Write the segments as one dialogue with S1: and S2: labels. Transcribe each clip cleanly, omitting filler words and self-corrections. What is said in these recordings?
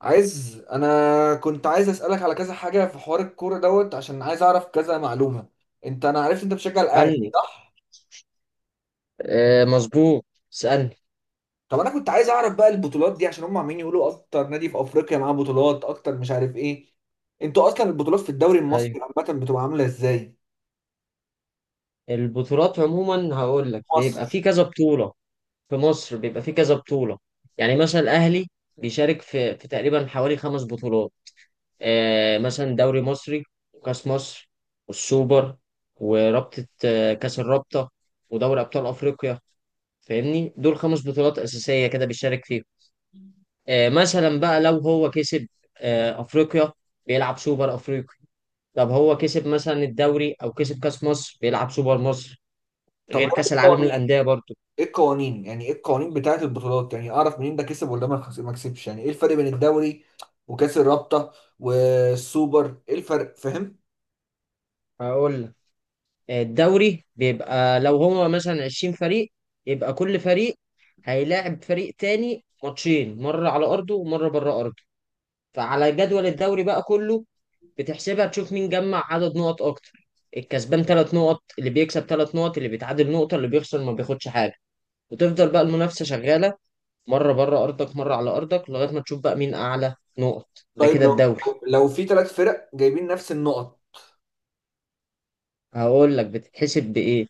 S1: انا كنت عايز اسالك على كذا حاجه في حوار الكوره دوت، عشان عايز اعرف كذا معلومه. انا عرفت انت بتشجع الاهلي،
S2: اسألني.
S1: صح؟
S2: آه، مظبوط. اسألني.
S1: طب انا كنت عايز اعرف بقى البطولات دي، عشان هم عمالين يقولوا اكتر نادي في افريقيا معاه بطولات اكتر مش عارف ايه. انتوا اصلا البطولات في الدوري
S2: أيوه.
S1: المصري عامه بتبقى عامله ازاي؟
S2: البطولات عموما هقول لك
S1: مصر.
S2: بيبقى في كذا بطولة. في مصر بيبقى في كذا بطولة. يعني مثلا الأهلي بيشارك في تقريبا حوالي 5 بطولات. آه مثلا دوري مصري، وكأس مصر، والسوبر، ورابطة كأس الرابطة، ودوري أبطال أفريقيا. فاهمني؟ دول 5 بطولات أساسية كده بيشارك فيهم. آه مثلا بقى لو هو كسب آه أفريقيا، بيلعب سوبر أفريقيا. طب هو كسب مثلا الدوري او كسب كاس مصر، بيلعب سوبر مصر.
S1: طب
S2: غير
S1: ايه
S2: كاس العالم
S1: القوانين؟
S2: للانديه برضو.
S1: ايه القوانين، يعني ايه القوانين بتاعه البطولات، يعني اعرف منين ده كسب ولا ما كسبش، يعني ايه الفرق بين الدوري وكاس الرابطه والسوبر؟ ايه الفرق، فاهم؟
S2: هقول لك، الدوري بيبقى لو هو مثلا 20 فريق، يبقى كل فريق هيلاعب فريق تاني ماتشين، مرة على أرضه ومرة بره أرضه. فعلى جدول الدوري بقى كله بتحسبها تشوف مين جمع عدد نقط أكتر. الكسبان 3 نقط، اللي بيكسب 3 نقط، اللي بيتعادل نقطة، اللي بيخسر ما بياخدش حاجة. وتفضل بقى المنافسة شغالة، مرة بره أرضك مرة على أرضك، لغاية ما تشوف بقى مين أعلى نقط. ده
S1: طيب
S2: كده
S1: لو،
S2: الدوري.
S1: لو في ثلاث فرق جايبين نفس النقط.
S2: هقول لك بتتحسب بإيه.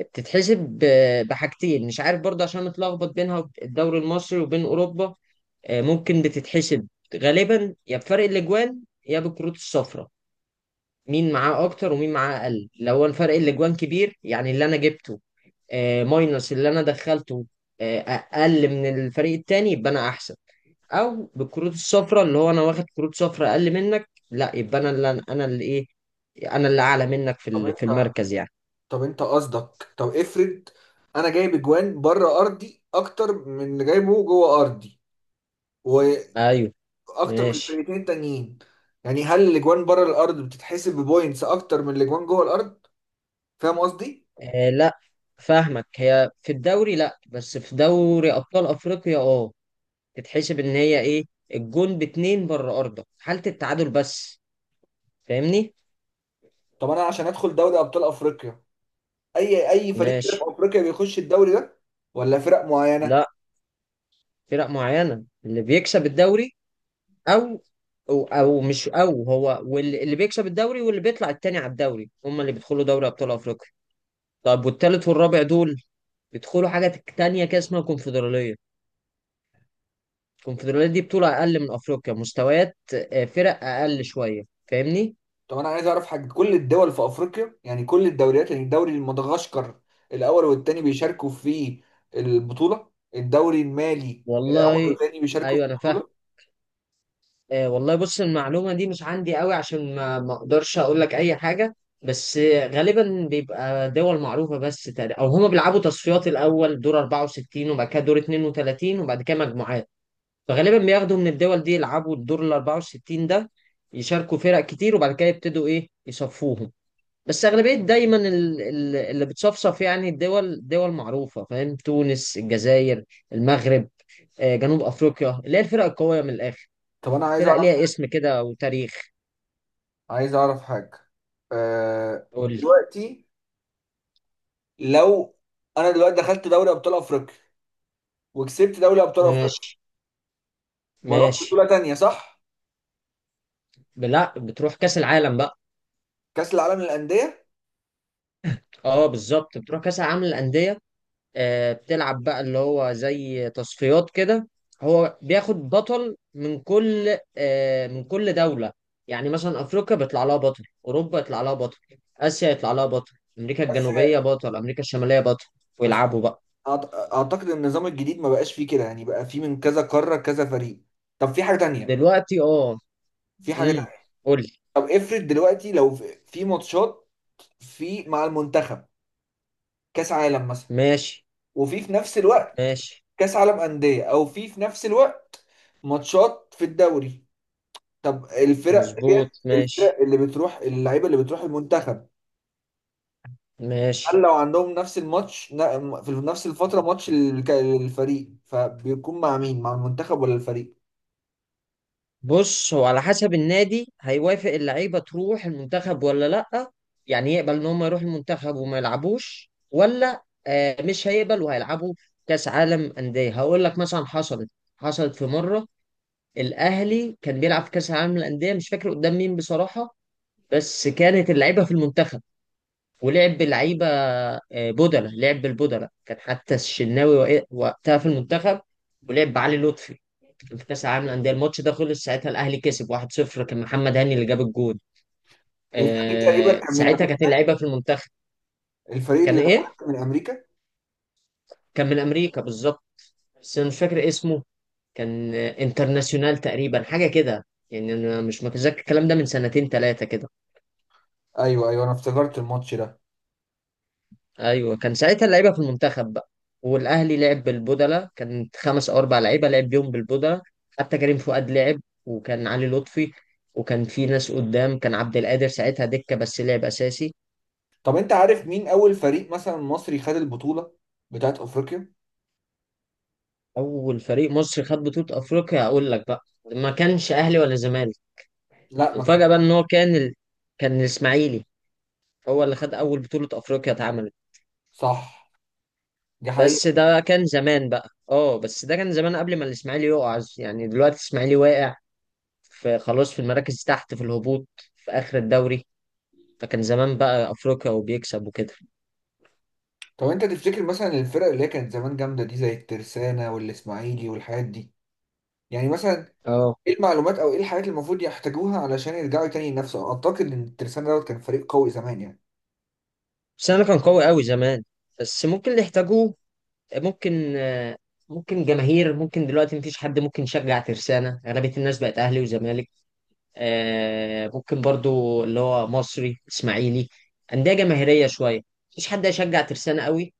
S2: بتتحسب بحاجتين، مش عارف برضه عشان متلخبط بينها الدوري المصري وبين أوروبا. ممكن بتتحسب غالبا يا بفرق الأجوان يا بالكروت الصفراء. مين معاه أكتر ومين معاه أقل. لو أنا فرق الأجوان كبير، يعني اللي أنا جبته ماينس اللي أنا دخلته أقل من الفريق التاني، يبقى أنا أحسن. او بالكروت الصفراء، اللي هو انا واخد كروت صفراء اقل منك، لا يبقى انا اللي انا ايه، انا اللي اعلى منك في
S1: طب
S2: في
S1: انت
S2: المركز يعني.
S1: طب انت قصدك، طب افرض انا جايب اجوان بره ارضي اكتر من اللي جايبه جوه ارضي،
S2: ايوه.
S1: واكتر من
S2: ماشي.
S1: الفرقتين التانيين، يعني هل الاجوان بره الارض بتتحسب ببوينتس اكتر من الاجوان جوه الارض؟ فاهم قصدي؟
S2: آه لا، فاهمك. هي في الدوري لا، بس في دوري ابطال افريقيا اه، تتحسب ان هي ايه، الجون باتنين بره ارضك حالة التعادل بس. فاهمني؟
S1: طب انا عشان ادخل دوري ابطال افريقيا، اي فريق في
S2: ماشي.
S1: افريقيا بيخش الدوري ده ولا فرق معينة؟
S2: لا، فرق معينة، اللي بيكسب الدوري او او مش او، هو واللي بيكسب الدوري واللي بيطلع التاني على الدوري، هم اللي بيدخلوا دوري ابطال افريقيا. طب والتالت والرابع دول بيدخلوا حاجة تانية كده اسمها كونفدرالية. الكونفدرالية دي بطولة أقل من أفريقيا مستويات. فرق أقل شوية. فاهمني؟
S1: طب انا عايز اعرف حاجه، كل الدول في افريقيا يعني كل الدوريات، يعني الدوري مدغشقر الاول والثاني بيشاركوا في البطوله، الدوري المالي الاول
S2: والله
S1: والثاني بيشاركوا في
S2: أيوه أنا فاهم.
S1: البطوله.
S2: والله بص، المعلومة دي مش عندي قوي عشان ما أقدرش أقول لك أي حاجة. بس غالبا بيبقى دول معروفة، بس تقريبا أو هما بيلعبوا تصفيات الأول دور 64 وبعد كده دور 32 وبعد كده مجموعات. فغالبا بياخدوا من الدول دي يلعبوا الدور ال 64 ده، يشاركوا فرق كتير وبعد كده يبتدوا إيه يصفوهم. بس أغلبية دايما اللي بتصفصف يعني الدول دول معروفة، فاهم؟ تونس، الجزائر، المغرب، جنوب أفريقيا، اللي هي الفرق القوية من الآخر،
S1: طب انا عايز
S2: فرق
S1: اعرف،
S2: ليها اسم كده وتاريخ.
S1: عايز اعرف حاجه. أه،
S2: قول لي.
S1: دلوقتي لو انا دلوقتي دخلت دوري ابطال افريقيا وكسبت دوري ابطال افريقيا،
S2: ماشي.
S1: بروح
S2: ماشي.
S1: بطوله تانية صح؟
S2: لا، بتروح كأس العالم بقى.
S1: كاس العالم للانديه.
S2: اه بالظبط، بتروح كأس العالم للأندية. بتلعب بقى اللي هو زي تصفيات كده. هو بياخد بطل من كل من كل دولة. يعني مثلا أفريقيا بيطلع لها بطل، أوروبا يطلع لها بطل، آسيا يطلع لها بطل، أمريكا
S1: بس،
S2: الجنوبية بطل، أمريكا الشمالية بطل،
S1: بس
S2: ويلعبوا بقى.
S1: اعتقد ان النظام الجديد ما بقاش فيه كده، يعني بقى فيه من كذا قاره كذا فريق. طب في حاجه تانية،
S2: دلوقتي اه.
S1: في حاجه.
S2: امم قول لي.
S1: طب افرض دلوقتي، لو في ماتشات، في مع المنتخب، كاس عالم مثلا،
S2: ماشي.
S1: وفي في نفس الوقت
S2: ماشي.
S1: كاس عالم انديه، او في نفس الوقت ماتشات في الدوري. طب الفرق
S2: مظبوط ماشي.
S1: الفرق اللي بتروح، اللعيبه اللي بتروح المنتخب، هل
S2: ماشي.
S1: لو عندهم نفس الماتش في نفس الفتره، ماتش الفريق، فبيكون مع مين، مع المنتخب ولا الفريق؟
S2: بص، هو على حسب النادي، هيوافق اللعيبه تروح المنتخب ولا لا. يعني يقبل ان هم يروحوا المنتخب وما يلعبوش، ولا مش هيقبل وهيلعبوا. كاس عالم انديه هقول لك مثلا، حصلت حصلت في مره، الاهلي كان بيلعب في كاس العالم للانديه، مش فاكر قدام مين بصراحه، بس كانت اللعيبه في المنتخب، ولعب باللعيبه بدله، لعب بالبدله، كان حتى الشناوي وقتها في المنتخب ولعب بعلي لطفي في كاس العالم للانديه. الماتش ده خلص ساعتها الاهلي كسب 1-0، كان محمد هاني اللي جاب الجول.
S1: الفريق تقريبا
S2: آه
S1: كان من
S2: ساعتها كانت
S1: امريكا،
S2: اللعيبه في المنتخب.
S1: الفريق
S2: كان
S1: اللي راح
S2: ايه؟
S1: من امريكا.
S2: كان من امريكا بالظبط، بس انا مش فاكر اسمه. كان انترناسيونال تقريبا حاجه كده. يعني انا مش متذكر، الكلام ده من سنتين ثلاثه كده.
S1: ايوه ايوه، انا افتكرت الماتش ده.
S2: ايوه، كان ساعتها اللعيبه في المنتخب بقى، والاهلي لعب بالبودلة، كانت خمس او اربع لعيبه لعب بيهم بالبودلة. حتى كريم فؤاد لعب، وكان علي لطفي، وكان في ناس قدام، كان عبد القادر ساعتها دكه بس لعب اساسي.
S1: طب انت عارف مين اول فريق مثلا مصري خد البطولة بتاعت افريقيا؟
S2: اول فريق مصري خد بطولة افريقيا اقول لك بقى، ما كانش اهلي ولا زمالك،
S1: لا، ما كان.
S2: وفجأة بقى ان هو كان ال... كان الاسماعيلي، هو اللي خد اول بطولة افريقيا اتعملت.
S1: صح، دي
S2: بس
S1: حقيقة.
S2: ده كان زمان بقى، اه بس ده كان زمان قبل ما الاسماعيلي يقع. يعني دلوقتي الاسماعيلي واقع، في خلاص في المراكز تحت في الهبوط في اخر الدوري. فكان زمان بقى افريقيا وبيكسب وكده.
S1: طب انت تفتكر مثلا الفرق اللي هي كانت زمان جامدة دي، زي الترسانة والاسماعيلي والحاجات دي، يعني مثلا،
S2: اه.
S1: ايه المعلومات او ايه الحاجات اللي المفروض يحتاجوها علشان يرجعوا تاني ينافسوا؟ اعتقد ان الترسانة دوت كان فريق قوي زمان يعني.
S2: بس انا كان قوي قوي زمان، بس ممكن اللي يحتاجوه، ممكن ممكن جماهير. ممكن دلوقتي مفيش حد ممكن يشجع ترسانة، أغلبية الناس بقت أهلي وزمالك. ممكن برضو اللي هو مصري إسماعيلي، أندية جماهيرية شوية، مفيش حد هيشجع ترسانة قوي.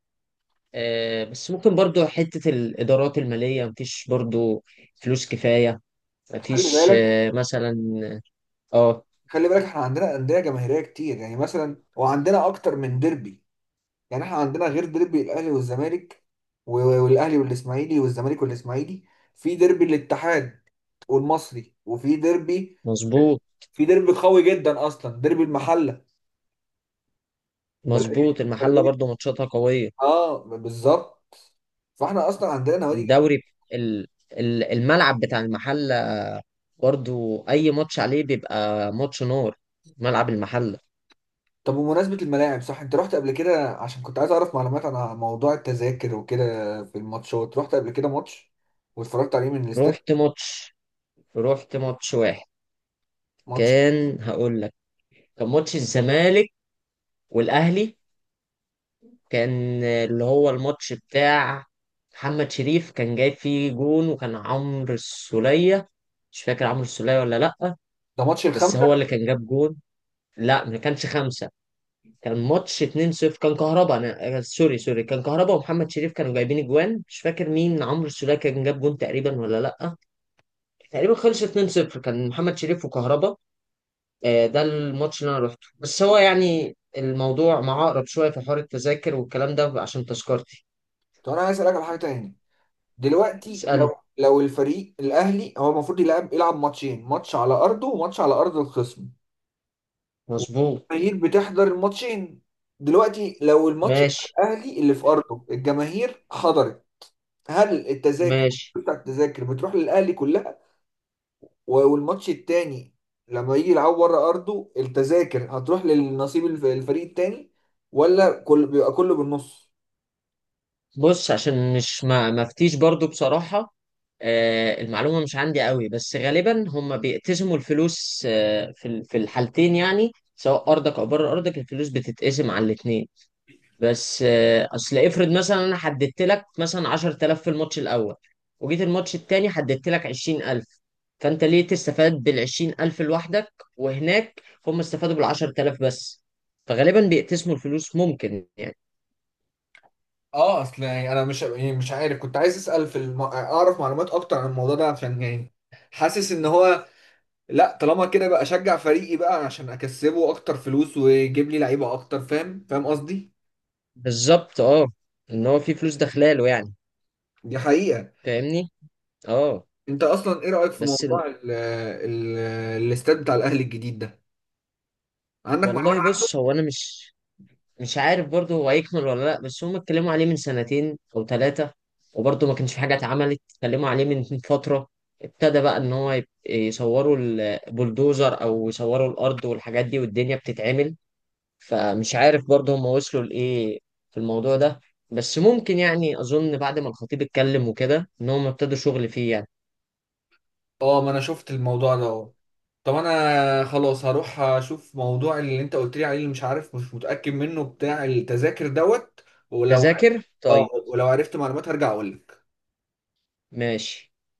S2: بس ممكن برضو حتة الإدارات المالية، مفيش برضو فلوس كفاية،
S1: خلي
S2: مفيش
S1: بالك،
S2: مثلا. اه
S1: احنا عندنا أندية جماهيرية كتير، يعني مثلا وعندنا اكتر من ديربي، يعني احنا عندنا غير ديربي الاهلي والزمالك، والاهلي والاسماعيلي والزمالك والاسماعيلي، في ديربي الاتحاد والمصري، وفي ديربي،
S2: مظبوط.
S1: في ديربي قوي جدا اصلا، ديربي المحله.
S2: مظبوط،
S1: بلديه
S2: المحلة
S1: بلديه،
S2: برضو ماتشاتها قوية.
S1: اه بالظبط. فاحنا اصلا عندنا نوادي جماهيرية.
S2: الدوري، ال- الملعب بتاع المحلة برضو اي ماتش عليه بيبقى ماتش نار، ملعب المحله.
S1: طب بمناسبه الملاعب، صح انت رحت قبل كده، عشان كنت عايز اعرف معلومات عن موضوع التذاكر وكده في الماتشات. رحت قبل كده ماتش واتفرجت عليه من الاستاد؟
S2: رحت ماتش، رحت ماتش واحد،
S1: ماتش.
S2: كان هقول لك، كان ماتش الزمالك والاهلي، كان اللي هو الماتش بتاع محمد شريف، كان جايب فيه جون، وكان عمرو السولية، مش فاكر عمرو السولية ولا لأ،
S1: ده ماتش
S2: بس
S1: الخمسه.
S2: هو اللي كان جاب جون. لا ما كانش خمسة، كان ماتش 2-0، كان كهربا، انا سوري سوري، كان كهربا ومحمد شريف كانوا جايبين اجوان، مش فاكر مين، عمرو السولية كان جاب جون تقريبا ولا لأ. تقريبا خلص 2-0، كان محمد شريف وكهربا. ده الماتش اللي انا رحته، بس هو يعني الموضوع معقرب شويه في حوار التذاكر والكلام ده عشان تذكرتي.
S1: طب انا عايز اسالك على حاجه تاني، دلوقتي
S2: اسالني.
S1: لو، لو الفريق الاهلي هو المفروض يلعب ماتشين، ماتش على ارضه وماتش على ارض الخصم،
S2: مظبوط.
S1: والجماهير بتحضر الماتشين. دلوقتي لو الماتش بتاع
S2: ماشي.
S1: الاهلي اللي في ارضه الجماهير حضرت، هل التذاكر
S2: ماشي.
S1: بتاع التذاكر بتروح للاهلي كلها؟ والماتش التاني لما يجي يلعب بره ارضه، التذاكر هتروح للنصيب الفريق التاني، ولا كل بيبقى كله بالنص؟
S2: بص عشان مش، ما مفتيش برضو بصراحه، المعلومه مش عندي قوي، بس غالبا هم بيقتسموا الفلوس في في الحالتين، يعني سواء ارضك او بره ارضك الفلوس بتتقسم على الاثنين. بس اصل افرض مثلا انا حددت لك مثلا 10,000 في الماتش الاول، وجيت الماتش التاني حددت لك 20,000، فانت ليه تستفاد بال 20,000 لوحدك وهناك هم استفادوا بال 10,000 بس؟ فغالبا بيقتسموا الفلوس ممكن يعني.
S1: اه، اصل يعني انا مش، يعني مش عارف، كنت عايز اسال في اعرف معلومات اكتر عن الموضوع ده، عشان يعني حاسس ان هو، لا طالما كده بقى اشجع فريقي بقى عشان اكسبه اكتر فلوس ويجيب لي لعيبه اكتر، فاهم قصدي؟
S2: بالظبط اه، ان هو في فلوس داخلاله يعني.
S1: دي حقيقه.
S2: فاهمني؟ اه.
S1: انت اصلا ايه رايك في
S2: بس ال...
S1: موضوع ال الاستاد بتاع الاهلي الجديد ده، عندك معلومات
S2: والله بص، هو انا مش، مش عارف برضه هو هيكمل ولا لا، بس هم اتكلموا عليه من سنتين او ثلاثة، وبرضه ما كانش في حاجة اتعملت. اتكلموا عليه من فترة، ابتدى بقى ان هو يصوروا البلدوزر او يصوروا الارض والحاجات دي، والدنيا بتتعمل. فمش عارف برضه هم وصلوا لايه في الموضوع ده. بس ممكن يعني، اظن بعد ما الخطيب اتكلم وكده ان هم ابتدوا شغل فيه يعني.
S1: اه؟ ما انا شفت الموضوع ده اه. طب انا خلاص هروح اشوف موضوع اللي انت قلت لي عليه، اللي مش عارف مش متاكد منه، بتاع التذاكر دوت، ولو،
S2: تذاكر
S1: اه
S2: طيب.
S1: ولو عرفت معلومات هرجع اقول لك.
S2: ماشي.